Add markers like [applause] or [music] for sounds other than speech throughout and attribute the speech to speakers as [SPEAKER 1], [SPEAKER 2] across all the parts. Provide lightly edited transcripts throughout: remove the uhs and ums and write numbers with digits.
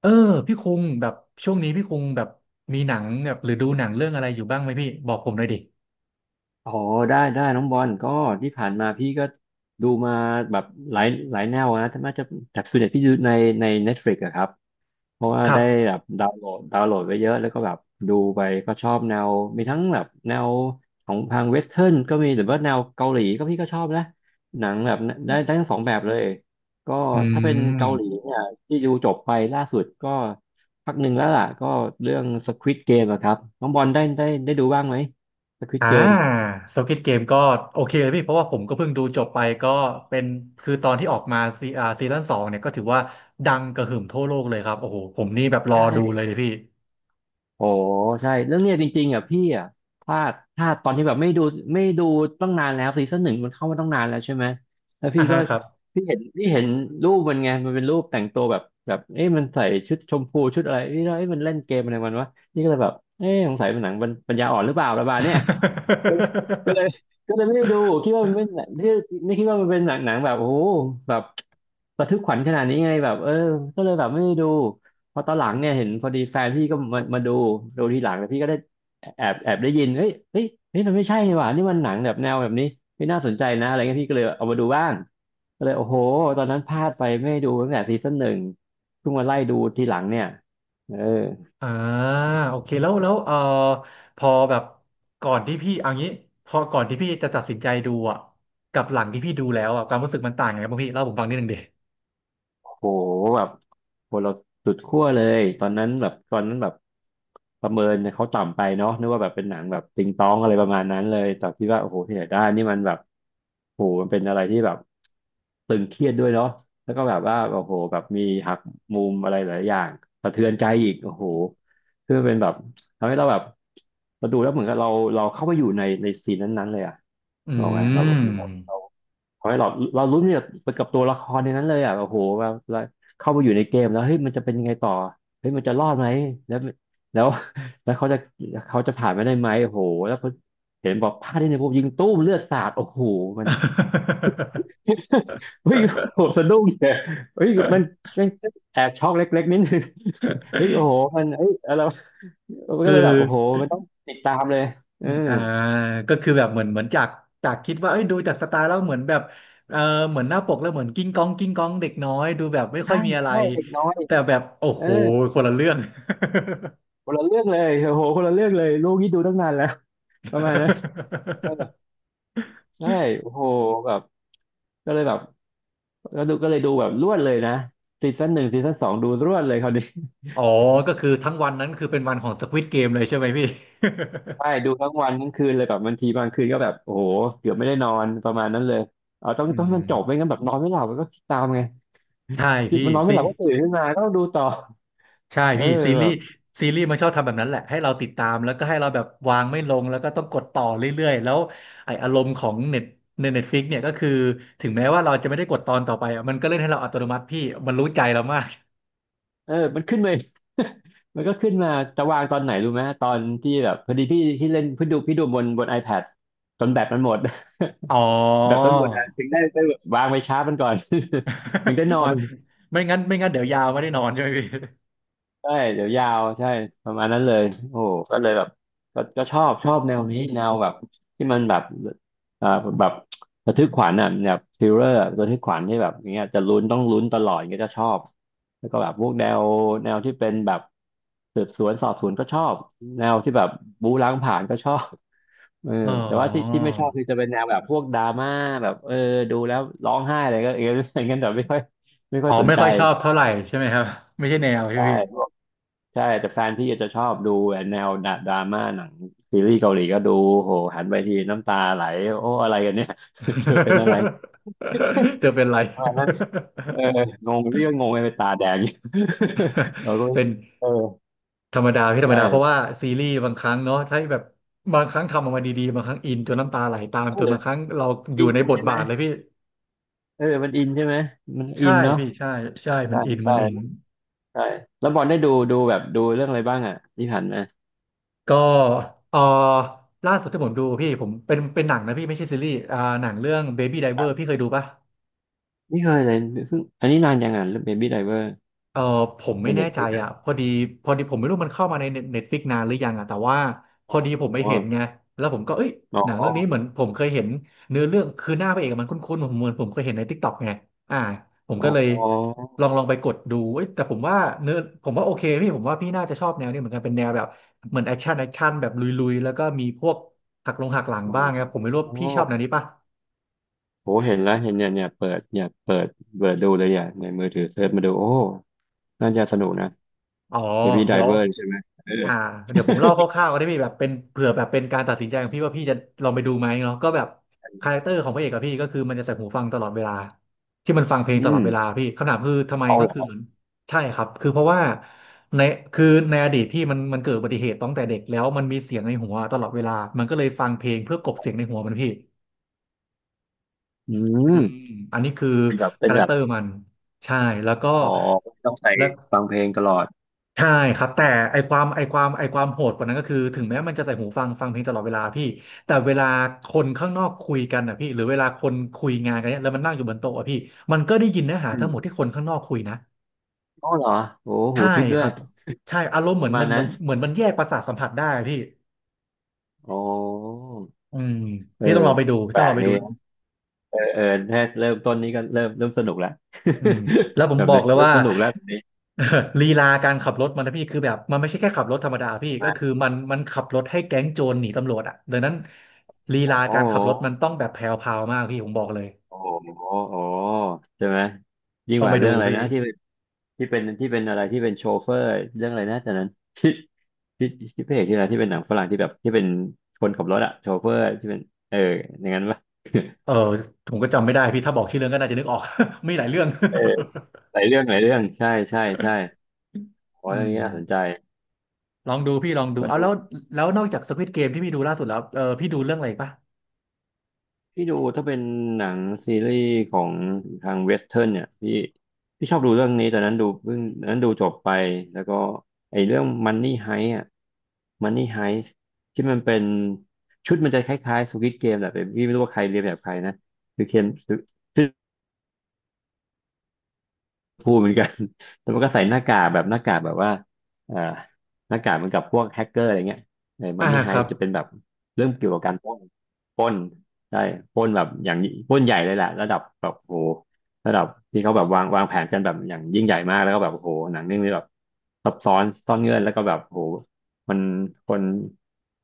[SPEAKER 1] เออพี่คุงแบบช่วงนี้พี่คุงแบบมีหนังแบบหรือดูหนังเรื่องอะไรอยู่บ้างไหมพี่บอกผมหน่อยดิ
[SPEAKER 2] โอ้โหได้ได้น้องบอลก็ที่ผ่านมาพี่ก็ดูมาแบบหลายหลายแนวนะน่าจะแบบส่วนใหญ่พี่ดูในNetflix อะครับเพราะว่า
[SPEAKER 1] ครั
[SPEAKER 2] ได้
[SPEAKER 1] บ
[SPEAKER 2] แบบดาวน์โหลดไว้เยอะแล้วก็แบบดูไปก็ชอบแนวมีทั้งแบบแนวของทางเวสเทิร์นก็มีหรือว่าแนวเกาหลีก็พี่ก็ชอบนะหนังแบบได้ได้ทั้งสองแบบเลยก็
[SPEAKER 1] อื
[SPEAKER 2] ถ้าเป็น
[SPEAKER 1] ม
[SPEAKER 2] เกาหลีเนี่ยที่ดูจบไปล่าสุดก็พักหนึ่งแล้วล่ะก็เรื่อง Squid Game อะครับน้องบอลได้ได้ดูบ้างไหม Squid
[SPEAKER 1] อ่า
[SPEAKER 2] Game
[SPEAKER 1] Squid Game ก็โอเคเลยพี่เพราะว่าผมก็เพิ่งดูจบไปก็เป็นคือตอนที่ออกมาซีอ่าซีซั่นสองเนี่ยก็ถือว่าดังกระหึ่มทั่วโลกเลยครับโอ้โหผมนี่แบบร
[SPEAKER 2] ใ
[SPEAKER 1] อดูเลย
[SPEAKER 2] ช่
[SPEAKER 1] เลยพี่
[SPEAKER 2] โอ้ใช่แล้วเนี่ยจริงๆอ่ะพี่อ่ะพลาดตอนที่แบบไม่ดูตั้งนานแล้วซีซั่นหนึ่งมันเข้ามาตั้งนานแล้วใช่ไหมแล้วพี่
[SPEAKER 1] อ่า
[SPEAKER 2] ก็
[SPEAKER 1] ฮะครับ
[SPEAKER 2] พี่เห็นรูปมันไงมันเป็นรูปแต่งตัวแบบแบบเอ๊ะมันใส่ชุดชมพูชุดอะไรเอ๊ะแล้วเอ๊ะมันเล่นเกมอะไรมันวะนี่ก็เลยแบบเอ๊ะสงสัยมันหนังปัญญาอ่อนหรือเปล่าประมาณเนี้ย [laughs] ก็เลย
[SPEAKER 1] [laughs]
[SPEAKER 2] ก็เลยไม่ได้ดูคิดว่ามันเป็นหนังที่ไม่คิดว่ามันเป็นหนังแบบโอ้โหแบบ ระทึกขวัญขนาดนี้ไงแบบเออก็เลยแบบไม่ได้ดูพอตอนหลังเนี่ยเห็นพอดีแฟนพี่ก็มาดูดูทีหลังแต่พี่ก็ได้แอบได้ยินเฮ้ยมันไม่ใช่นี่หว่านี่มันหนังแบบแนวแบบนี้ไม่น่าสนใจนะอะไรเงี้ยพี่ก็เลยเอามาดูบ้างก็เลยโอ้โหตอนนั้นพลาดไปไม่ได้ดูตั้งแต่ซีซั่นหนึ่งเพิ่งมาไล่ดูทีหลังเนี่ยเออ
[SPEAKER 1] อ่าโอเคแล้วพอแบบก่อนที่พี่เอางี้พอก่อนที่พี่จะตัดสินใจดูอ่ะกับหลังที่พี่ดูแล้วอ่ะความรู้สึกมันต่างยังไงบ้างพี่เล่าผมฟังนิดนึงดิ
[SPEAKER 2] โหแบบโหเราสุดขั้วเลยตอนนั้นแบบประเมินเขาต่ำไปเนาะนึกว่าแบบเป็นหนังแบบติงตองอะไรประมาณนั้นเลยแต่คิดว่าโอ้โหที่ไหนได้นี่มันแบบโหมันเป็นอะไรที่แบบตึงเครียดด้วยเนาะแล้วก็แบบว่าโอ้โหแบบมีหักมุมอะไรหลายอย่างสะเทือนใจอีกโอ้โหคือมันเป็นแบบทำให้เราแบบเราดูแล้วเหมือนกับเราเข้าไปอยู่ในซีนนั้นๆเลยอะ
[SPEAKER 1] อื
[SPEAKER 2] บอกไหมครับ
[SPEAKER 1] ม
[SPEAKER 2] ขอให้เราเรารุ้นเนี่ยกับตัวละครในนั้นเลยอ่ะโอ้โหแบบเราเข้ามาอยู่ในเกมแล้วเฮ้ยมันจะเป็นยังไงต่อเฮ้ยมันจะรอดไหมแล้วแล้ว [laughs] แล้วเขาจะเขาจะผ่านไปได้ไหมโอ้โหแล้วพอเห็นบอกพลาดที่ในพวกยิงตู้มเลือดสาดโอ้โหมัน [laughs] เฮ้ยโอ้โหสะดุ้งเลยเฮ้ยมันแอบช็อกเล็กๆนิดนึงเฮ้ยโอ้โหมันเอ้ยอะไรวะมัน
[SPEAKER 1] [laughs]
[SPEAKER 2] ก็
[SPEAKER 1] คื
[SPEAKER 2] เลย
[SPEAKER 1] อ
[SPEAKER 2] แบบโอ้โหมันต้องติดตามเลยเออ
[SPEAKER 1] อ่าก็คือแบบเหมือนจากคิดว่าเอ้ยดูจากสไตล์แล้วเหมือนแบบเออเหมือนหน้าปกแล้วเหมือนกิ้งก้องกิ้งก้องเด็กน้อยดูแบบไม่ค่อ
[SPEAKER 2] ใช่
[SPEAKER 1] ยมีอะไร
[SPEAKER 2] ใช่เด็กน้อย
[SPEAKER 1] แต่แบบโอ้
[SPEAKER 2] เออ
[SPEAKER 1] โหคนละเรื่อง
[SPEAKER 2] คนละเรื่องเลยโอ้โหคนละเรื่องเลยลูกนี่ดูตั้งนานแล้วประมาณนั้น เออใช่โอ้โหแบบก็เลยแบบก็เลยดูแบบรวดเลยนะซีซั่นหนึ่งซีซั่นสองดูรวดเลยคราวนี้
[SPEAKER 1] อ๋อก็คือทั้งวันนั้นคือเป็นวันของ Squid Game เลยใช่ไหมพี่
[SPEAKER 2] [laughs] ใช่ดูทั้งวันทั้งคืนเลยแบบบางทีบางคืนก็แบบโอ้โหเกือบไม่ได้นอนประมาณนั้นเลยเอาต้อง
[SPEAKER 1] อื
[SPEAKER 2] ต้องมันจบไม่
[SPEAKER 1] ม
[SPEAKER 2] งั้นแบบนอนไม่หลับมันก็คิดตามไง
[SPEAKER 1] ใช่
[SPEAKER 2] คิด
[SPEAKER 1] พี่
[SPEAKER 2] มันนอนไม่
[SPEAKER 1] ซี
[SPEAKER 2] หลับก็ตื่นขึ้นมาก็ต้องดูต่อเออ
[SPEAKER 1] พี่ซี
[SPEAKER 2] แบ
[SPEAKER 1] รีส์
[SPEAKER 2] บ
[SPEAKER 1] ซีรีส์มันชอบทำแบบนั้นแหละให้เราติดตามแล้วก็ให้เราแบบวางไม่ลงแล้วก็ต้องกดต่อเรื่อยๆแล้วไออารมณ์ของเน็ตในเน็ตฟลิกเนี่ยก็คือถึงแม้ว่าเราจะไม่ได้กดตอนต่อไปอะมันก็เล่นให้เราอัตโนมัติพี่มันรู้ใจเรามาก
[SPEAKER 2] เออมันขึ้นเลย [laughs] มันก็ขึ้นมาจะวางตอนไหนรู้ไหมตอนที่แบบพอดีพี่ที่เล่นพี่ดูพี่ดูบน iPad จนแบตมันหมด
[SPEAKER 1] อ๋อ
[SPEAKER 2] [laughs] แบตมันหมดอะถึงได้ไปวางไปชาร์จมันก่อน [laughs] ถึงได้น
[SPEAKER 1] [laughs]
[SPEAKER 2] อ
[SPEAKER 1] อ๋อ
[SPEAKER 2] น
[SPEAKER 1] ไม่ไม่งั้นเดี๋ยวยาวไม่ได้นอนใช่ไหมพี่
[SPEAKER 2] ใช่เดี๋ยวยาวใช่ประมาณนั้นเลยโอ้โหก็เลยแบบก็ชอบแนวนี้แนวแบบที่มันแบบอ่าแบบระทึกขวัญอ่ะแบบทริลเลอร์ระทึกขวัญที่แบบเนี้ยจะลุ้นต้องลุ้นตลอด่เงี้ยจะชอบแล้วก็แบบพวกแนวที่เป็นแบบสืบสวนสอบสวนก็ชอบแนวที่แบบบู๊ล้างผลาญก็ชอบเออ
[SPEAKER 1] อ๋อ
[SPEAKER 2] แต่ว่าที่ไม่ชอบคือจะเป็นแนวแบบพวกดราม่าแบบเออดูแล้วร้องไห้อะไรก็เออ [laughs] อย่างเงี้ยแต่ไม่ค่อยไม่ค่
[SPEAKER 1] อ๋
[SPEAKER 2] อ
[SPEAKER 1] อ
[SPEAKER 2] ยสน
[SPEAKER 1] ไม่
[SPEAKER 2] ใจ
[SPEAKER 1] ค่อยชอบเท่าไหร่ใช่ไหมครับไม่ใช่แนว
[SPEAKER 2] ใช
[SPEAKER 1] ใช่ไหมพี่
[SPEAKER 2] ่ ใช่แต่แฟนพี่อาจจะชอบดูแนวดราม่าหนังซีรีส์เกาหลีก็ดูโหหันไปทีน้ำตาไหลโอ้อะไรกันเนี่ย [laughs] เธอเป็นอะไร
[SPEAKER 1] [laughs] เธอเป็นไร
[SPEAKER 2] ตอนนั้นเอองงพี่ก็งงไปตาแดง [laughs] อยู่ [laughs] เราก็
[SPEAKER 1] [laughs]
[SPEAKER 2] ไม่
[SPEAKER 1] เป็น
[SPEAKER 2] เออ
[SPEAKER 1] ธรรมดาพี่ธรรมดาเพราะ
[SPEAKER 2] ใช่
[SPEAKER 1] ว่าซีรีส์บางครั้งเนาะถ้าแบบบางครั้งทำออกมาดีๆบางครั้งอินจนน้ำตาไหลตาม
[SPEAKER 2] เอ
[SPEAKER 1] จน
[SPEAKER 2] อ
[SPEAKER 1] บางครั้งเราอ
[SPEAKER 2] อิ
[SPEAKER 1] ยู่
[SPEAKER 2] น
[SPEAKER 1] ในบท
[SPEAKER 2] ใช่ไหม
[SPEAKER 1] บาทเลยพี่
[SPEAKER 2] เออมันอินใช่ไหมมันอิ
[SPEAKER 1] ใช่
[SPEAKER 2] นเนาะ
[SPEAKER 1] พี่ใช่ใช่มั
[SPEAKER 2] ใช่
[SPEAKER 1] นอินมั
[SPEAKER 2] ใช่
[SPEAKER 1] นอิน
[SPEAKER 2] ใช่แล้วบอลได้ดูดูแบบดูเรื่องอะไรบ้างอ่ะที่ผ่านมา
[SPEAKER 1] ก็เออล่าสุดที่ผมดูพี่ผมเป็นหนังนะพี่ไม่ใช่ซีรีส์อ่าหนังเรื่อง Baby Driver พี่เคยดูปะ
[SPEAKER 2] ไม่เคยเลยเพิ่งอันนี้นานยังอ่ะเบบี้ไดเวอร์
[SPEAKER 1] เออผม
[SPEAKER 2] ใน
[SPEAKER 1] ไม่แน่
[SPEAKER 2] เน็ตฟ
[SPEAKER 1] ใจ
[SPEAKER 2] ลิกอ่ะ
[SPEAKER 1] อ่ะพอดีพอดีผมไม่รู้มันเข้ามาในเน็ตฟลิกนานหรือยังอ่ะแต่ว่าพอดีผมไป
[SPEAKER 2] อ
[SPEAKER 1] เห็น
[SPEAKER 2] อ
[SPEAKER 1] ไงแล้วผมก็เอ้ย
[SPEAKER 2] อ๋อ
[SPEAKER 1] หนังเรื่องนี้เหมือนผมเคยเห็นเนื้อเรื่องคือหน้าพระเอกอะมันคุ้นๆผมเหมือนผมเคยเห็นในทิกตอกไงอ่าผม
[SPEAKER 2] อ๋
[SPEAKER 1] ก็
[SPEAKER 2] อ
[SPEAKER 1] เลยล
[SPEAKER 2] อ
[SPEAKER 1] องลองไปกดดูเอ้ยแต่ผมว่าเนื้อผมว่าโอเคพี่ผมว่าพี่น่าจะชอบแนวนี้เหมือนกันเป็นแนวแบบเหมือนแอคชั่นแบบลุยๆแล้วก็มีพวกหักหลัง
[SPEAKER 2] ๋อ
[SPEAKER 1] บ้างครับผมไม่รู้ว่า
[SPEAKER 2] อ๋อ
[SPEAKER 1] พี่ชอบแนวนี้ป่ะ
[SPEAKER 2] โอ้เห็นแล้วเห็นเนี่ยเนี่ยเปิดเนี่ยเปิดเปิดดูเลยอ่ะในมือถือเซิร์ชมาดู โอ้น่าจะสนุกนะ
[SPEAKER 1] อ๋อ
[SPEAKER 2] Baby
[SPEAKER 1] เดี๋ยว
[SPEAKER 2] Driver ใช่ไหมเออ
[SPEAKER 1] อ่าเดี๋ยวผมเล่าคร่าวๆก็ได้พี่แบบเป็นเผื่อแบบเป็นการตัดสินใจของพี่ว่าพี่จะลองไปดูไหมเนาะก็แบบคาแรคเตอ
[SPEAKER 2] [laughs]
[SPEAKER 1] ร์ของพระเอกกับพี่ก็คือมันจะใส่หูฟังตลอดเวลาที่มันฟังเพลง
[SPEAKER 2] อื
[SPEAKER 1] ตล
[SPEAKER 2] ม
[SPEAKER 1] อดเวลาพี่คำถามคือทำไม
[SPEAKER 2] เอา
[SPEAKER 1] ก็
[SPEAKER 2] เหร
[SPEAKER 1] คือเห
[SPEAKER 2] อ
[SPEAKER 1] มือนใช่ครับคือเพราะว่าในคือในอดีตพี่มันเกิดอุบัติเหตุตั้งแต่เด็กแล้วมันมีเสียงในหัวตลอดเวลามันก็เลยฟังเพลงเพื่อกลบเสียงในหัวมันพี่
[SPEAKER 2] อื
[SPEAKER 1] อืม
[SPEAKER 2] ม
[SPEAKER 1] อันนี้คือ
[SPEAKER 2] เป็นแบบเป็
[SPEAKER 1] คา
[SPEAKER 2] น
[SPEAKER 1] แร
[SPEAKER 2] แบ
[SPEAKER 1] คเต
[SPEAKER 2] บ
[SPEAKER 1] อร์มันใช่แล้วก็
[SPEAKER 2] อ๋อต้องใส่
[SPEAKER 1] และ
[SPEAKER 2] ฟังเพลงตลอด
[SPEAKER 1] ใช่ครับแต่ไอความไอความไอความโหดกว่านั้นก็คือถึงแม้มันจะใส่หูฟังฟังเพลงตลอดเวลาพี่แต่เวลาคนข้างนอกคุยกันนะพี่หรือเวลาคนคุยงานกันเนี่ยแล้วมันนั่งอยู่บนโต๊ะอะพี่มันก็ได้ยินเนื้อหา
[SPEAKER 2] อื
[SPEAKER 1] ทั้
[SPEAKER 2] ม
[SPEAKER 1] งหมดที่คนข้างนอกคุยนะ
[SPEAKER 2] อ๋อเหรอโอ้หู
[SPEAKER 1] ใช่
[SPEAKER 2] ทิปด้
[SPEAKER 1] ค
[SPEAKER 2] วย
[SPEAKER 1] รับใช่อารมณ์
[SPEAKER 2] ป
[SPEAKER 1] เหมือ
[SPEAKER 2] ระ
[SPEAKER 1] น
[SPEAKER 2] มา
[SPEAKER 1] มั
[SPEAKER 2] ณ
[SPEAKER 1] นเหมือ
[SPEAKER 2] นั้น
[SPEAKER 1] นเหมือนมันแยกประสาทสัมผัสได้อะพี่
[SPEAKER 2] โอ้
[SPEAKER 1] อืม
[SPEAKER 2] เออ
[SPEAKER 1] พี่ต้องลองไปดูพี่
[SPEAKER 2] แป
[SPEAKER 1] ต้
[SPEAKER 2] ล
[SPEAKER 1] องลอ
[SPEAKER 2] ก
[SPEAKER 1] งไป
[SPEAKER 2] ดี
[SPEAKER 1] ดู
[SPEAKER 2] เออเออแค่เริ่มต้นนี้ก็เริ่มสนุกแล้ว
[SPEAKER 1] อืมแล้วผ
[SPEAKER 2] [laughs] แบ
[SPEAKER 1] ม
[SPEAKER 2] บ
[SPEAKER 1] บอก
[SPEAKER 2] นี้
[SPEAKER 1] เลย
[SPEAKER 2] เริ่ม
[SPEAKER 1] ว่า
[SPEAKER 2] สนุกแล้วแบบนี้
[SPEAKER 1] [laughs] เออลีลาการขับรถมันนะพี่คือแบบมันไม่ใช่แค่ขับรถธรรมดาพี่
[SPEAKER 2] ใช่ไหม
[SPEAKER 1] ก็คือมันขับรถให้แก๊งโจรหนีตำรวจอ่ะดังนั้นลี
[SPEAKER 2] โอ้
[SPEAKER 1] ลา
[SPEAKER 2] โห
[SPEAKER 1] การขับรถมันต้องแบบแพรวพราวมากพี่ผมบอกเลย
[SPEAKER 2] โอ้โหโอ้ใช่ไหมยิ่ง
[SPEAKER 1] ต้อ
[SPEAKER 2] ก
[SPEAKER 1] งไป
[SPEAKER 2] ว่า
[SPEAKER 1] ดู
[SPEAKER 2] เรื่องอะไร
[SPEAKER 1] พี่
[SPEAKER 2] นะที่เป็นที่เป็นอะไรที่เป็นโชเฟอร์เรื่องอะไรนะแต่นั้นที่พระเอกที่อะไรที่เป็นหนังฝรั่งที่แบบที่เป็นคนขับรถอะโชเฟอร์ที่เป็นเอออย่างนั้นปะ
[SPEAKER 1] เออผมก็จำไม่ได้พี่ถ้าบอกชื่อเรื่องก็น่าจะนึกออก [laughs] มีหลายเรื่อง
[SPEAKER 2] เออหลายเรื่องใช่โอ้
[SPEAKER 1] [laughs] อื
[SPEAKER 2] เรื่อง
[SPEAKER 1] ม
[SPEAKER 2] นี้น่าสนใจ
[SPEAKER 1] ลองดูพี่ลองดู
[SPEAKER 2] ก็
[SPEAKER 1] เอา
[SPEAKER 2] ดู
[SPEAKER 1] แล้วแล้วนอกจาก Squid g a m ที่พี่ดูล่าสุดแล้วเออพี่ดูเรื่องอะไรอีกปะ
[SPEAKER 2] พี่ดูถ้าเป็นหนังซีรีส์ของทางเวสเทิร์นเนี่ยพี่พี่ชอบดูเรื่องนี้ตอนนั้นดูเพิ่งตอนนั้นดูจบไปแล้วก็ไอ้เรื่อง Money Heist อ่ะ Money Heist ที่มันเป็นชุดมันจะคล้ายๆ Squid Game แหละแต่พี่ไม่รู้ว่าใครเรียนแบบใครนะคือเคน พูดเหมือนกัน [laughs] แต่มันก็ใส่หน้ากากแบบหน้ากากแบบว่าเอ่อหน้ากากเหมือนกับพวกแฮกเกอร์อะไรเงี้ยเออมั
[SPEAKER 1] อ่า
[SPEAKER 2] นนี่ไฮ
[SPEAKER 1] ครับ
[SPEAKER 2] จะเป็นแบบเรื่องเกี่ยวกับการปล้นปล้นได้ปล้นแบบอย่างปล้นใหญ่เลยแหละระดับแบบโอ้โหระดับที่เขาแบบวางแผนกันแบบอย่างยิ่งใหญ่มากแล้วก็แบบโอ้โหหนังเรื่องนี้แบบซับซ้อนซ่อนเงื่อนแล้วก็แบบโอ้โหมันคน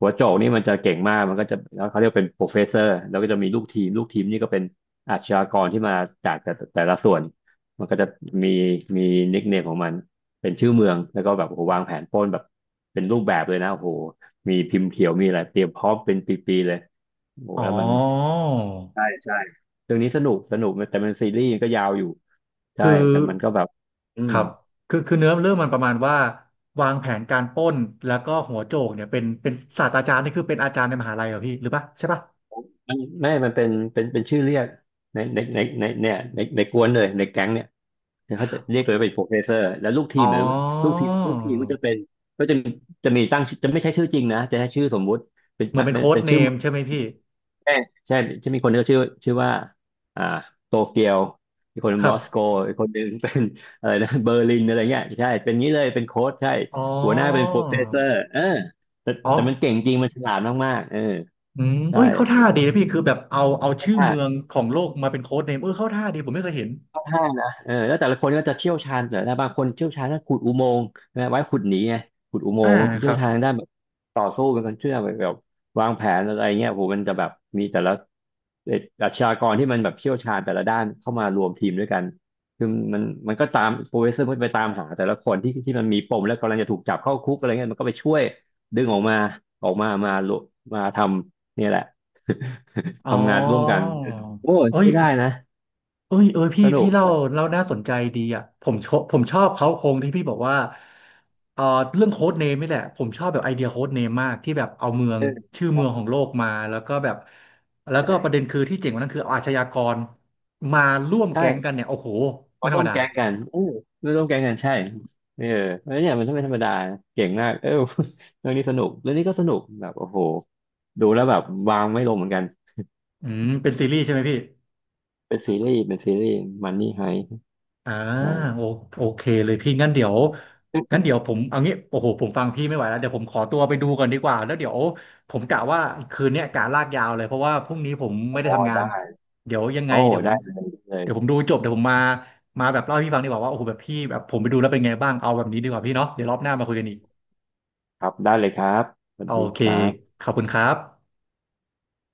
[SPEAKER 2] หัวโจกนี่มันจะเก่งมากมันก็จะแล้วเขาเรียกเป็นโปรเฟสเซอร์แล้วก็จะมีลูกทีมลูกทีมนี่ก็เป็นอาชญากรที่มาจากแต่ละส่วน มันก็จะมีมีนิคเนมของมันเป็นชื่อเมืองแล้วก็แบบโอ้โหวางแผนปล้นแบบเป็นรูปแบบเลยนะโอ้โหมีพิมพ์เขียวมีอะไรเตรียมพร้อมเป็นปีๆเลยโอ้โห
[SPEAKER 1] อ๋อ
[SPEAKER 2] แล้วมันใช่เรื่องนี้สนุกแต่มันซีรีส์ก็ยาวอยู่ใช่
[SPEAKER 1] คือ
[SPEAKER 2] แต่มันก็แบบอื
[SPEAKER 1] ค
[SPEAKER 2] ม
[SPEAKER 1] รับคือเนื้อเรื่องมันประมาณว่าวางแผนการปล้นแล้วก็หัวโจกเนี่ยเป็นศาสตราจารย์นี่คือเป็นอาจารย์ในมหาลัยเหรอพี่หรือปะใช่ปะ
[SPEAKER 2] มันเป็นเป็นชื่อเรียกในเนี่ยในกวนเลยในแก๊งเนี่ยเขาจะเรียกเลยว่าเป็นโปรเฟสเซอร์แล้วลูกที
[SPEAKER 1] อ๋อ
[SPEAKER 2] มหรือลูกทีมก็จะเป็นก็จะจะมีตั้งจะไม่ใช่ชื่อจริงนะจะใช้ชื่อสมมุติเป็น
[SPEAKER 1] เหมือนเป็น
[SPEAKER 2] เป็น
[SPEAKER 1] โค้ด
[SPEAKER 2] เป็น
[SPEAKER 1] เน
[SPEAKER 2] ชื่อ
[SPEAKER 1] มใช่ไหมพี่
[SPEAKER 2] ใช่ใช่จะมีคนที่ชื่อชื่อว่าอ่าโตเกียวอีกคน
[SPEAKER 1] ค
[SPEAKER 2] ม
[SPEAKER 1] รับ
[SPEAKER 2] อสโกอีกคนหนึ่งเป็น [laughs] อะไรนะเบอร์ลินอะไรเงี้ยใช่เป็นงี้เลยเป็นโค้ชใช่
[SPEAKER 1] อ๋อ
[SPEAKER 2] หัวหน้าเป็นโปรเฟสเซอร์เออแต่
[SPEAKER 1] อ๋อ
[SPEAKER 2] มันเก่งจริงมันฉลาดมากๆเออ
[SPEAKER 1] อืม
[SPEAKER 2] ใช่
[SPEAKER 1] เอ้ยเข้า
[SPEAKER 2] โอ
[SPEAKER 1] ท่าดีนะพี่คือแบบเอาชื่อเมือ
[SPEAKER 2] ้
[SPEAKER 1] งของโลกมาเป็นโค้ดเนมเออเข้าท่าดีผมไม่เคยเห็น
[SPEAKER 2] ค่อนข้างนะเออแล้วแต่ละคนก็จะเชี่ยวชาญแต่ละบางคนเชี่ยวชาญด้านขุดอุโมงค์นะไว้ขุดหนีไงขุดอุโม
[SPEAKER 1] อ่า
[SPEAKER 2] งค์บางคน
[SPEAKER 1] ค
[SPEAKER 2] เชี่ย
[SPEAKER 1] รั
[SPEAKER 2] ว
[SPEAKER 1] บ
[SPEAKER 2] ชาญด้านแบบต่อสู้เป็นคนเชื่อแบบวางแผนอะไรเงี้ยโหมันจะแบบมีแต่ละเอ่ออาชญากรที่มันแบบเชี่ยวชาญแต่ละด้านเข้ามารวมทีมด้วยกันคือมันก็ตามโปรเฟสเซอร์มันไปตามหาแต่ละคนที่มันมีปมแล้วกำลังจะถูกจับเข้าคุกอะไรเงี้ยมันก็ไปช่วยดึงออกมาออกมามามาทำเนี่ยแหละ [laughs]
[SPEAKER 1] อ๋อ
[SPEAKER 2] ทำงานร่วมกันโอ้
[SPEAKER 1] เอ้
[SPEAKER 2] ใช้
[SPEAKER 1] ย
[SPEAKER 2] ได้นะ
[SPEAKER 1] เอ้ยเออพี่
[SPEAKER 2] สนุ
[SPEAKER 1] พี่
[SPEAKER 2] ก
[SPEAKER 1] เล่าเล่าน่าสนใจดีอ่ะผมชอบผมชอบเขาโครงที่พี่บอกว่าเอ่อเรื่องโค้ดเนมนี่แหละผมชอบแบบไอเดียโค้ดเนมมากที่แบบเอาเมืองชื่อเมืองของโลกมาแล้วก็แบบแล้วก็ประ
[SPEAKER 2] ใช่
[SPEAKER 1] เด็นคือที่เจ๋งกว่านั้นคือเอาอาชญากรมาร่วมแก๊งกัน
[SPEAKER 2] ใช่
[SPEAKER 1] เนี่ยโอ้โหไม่
[SPEAKER 2] เขา
[SPEAKER 1] ธร
[SPEAKER 2] ร่
[SPEAKER 1] ร
[SPEAKER 2] ว
[SPEAKER 1] ม
[SPEAKER 2] ม
[SPEAKER 1] ดา
[SPEAKER 2] แก๊งกันเออร่วมแก๊งกันใช่เออแล้วเนี่ยมันไม่ธรรมดาเก่งมากเออ [laughs] เรื่องนี้สนุกเรื่องนี้ก็สนุกแบบโอ้โหดูแล้วแบบวางไม่ลงเหมือนกัน
[SPEAKER 1] อืมเป็นซีรีส์ใช่ไหมพี่
[SPEAKER 2] เป็นซีรีส์มันนี่ไฮ
[SPEAKER 1] อ่า
[SPEAKER 2] ได้
[SPEAKER 1] โอโอเคเลยพี่งั้นเดี๋ยว
[SPEAKER 2] [laughs]
[SPEAKER 1] ผมเอางี้โอ้โหผมฟังพี่ไม่ไหวแล้วเดี๋ยวผมขอตัวไปดูก่อนดีกว่าแล้วเดี๋ยวผมกะว่าคืนเนี้ยกะลากยาวเลยเพราะว่าพรุ่งนี้ผมไม่ได้
[SPEAKER 2] อ๋อ
[SPEAKER 1] ทำงาน
[SPEAKER 2] ได้
[SPEAKER 1] เดี๋ยวยังไง
[SPEAKER 2] โอ้
[SPEAKER 1] เดี๋ยวผ
[SPEAKER 2] ได้
[SPEAKER 1] ม
[SPEAKER 2] เลยได้เลย
[SPEAKER 1] เดี๋ยวผมดูจบเดี๋ยวผมมามาแบบเล่าให้พี่ฟังดีกว่าว่าโอ้โหแบบพี่แบบผมไปดูแล้วเป็นไงบ้างเอาแบบนี้ดีกว่าพี่เนาะเดี๋ยวรอบหน้ามาคุยกันอีก
[SPEAKER 2] ครับสวั
[SPEAKER 1] โอ
[SPEAKER 2] สดี
[SPEAKER 1] เค
[SPEAKER 2] ครับ
[SPEAKER 1] ขอบคุณครับ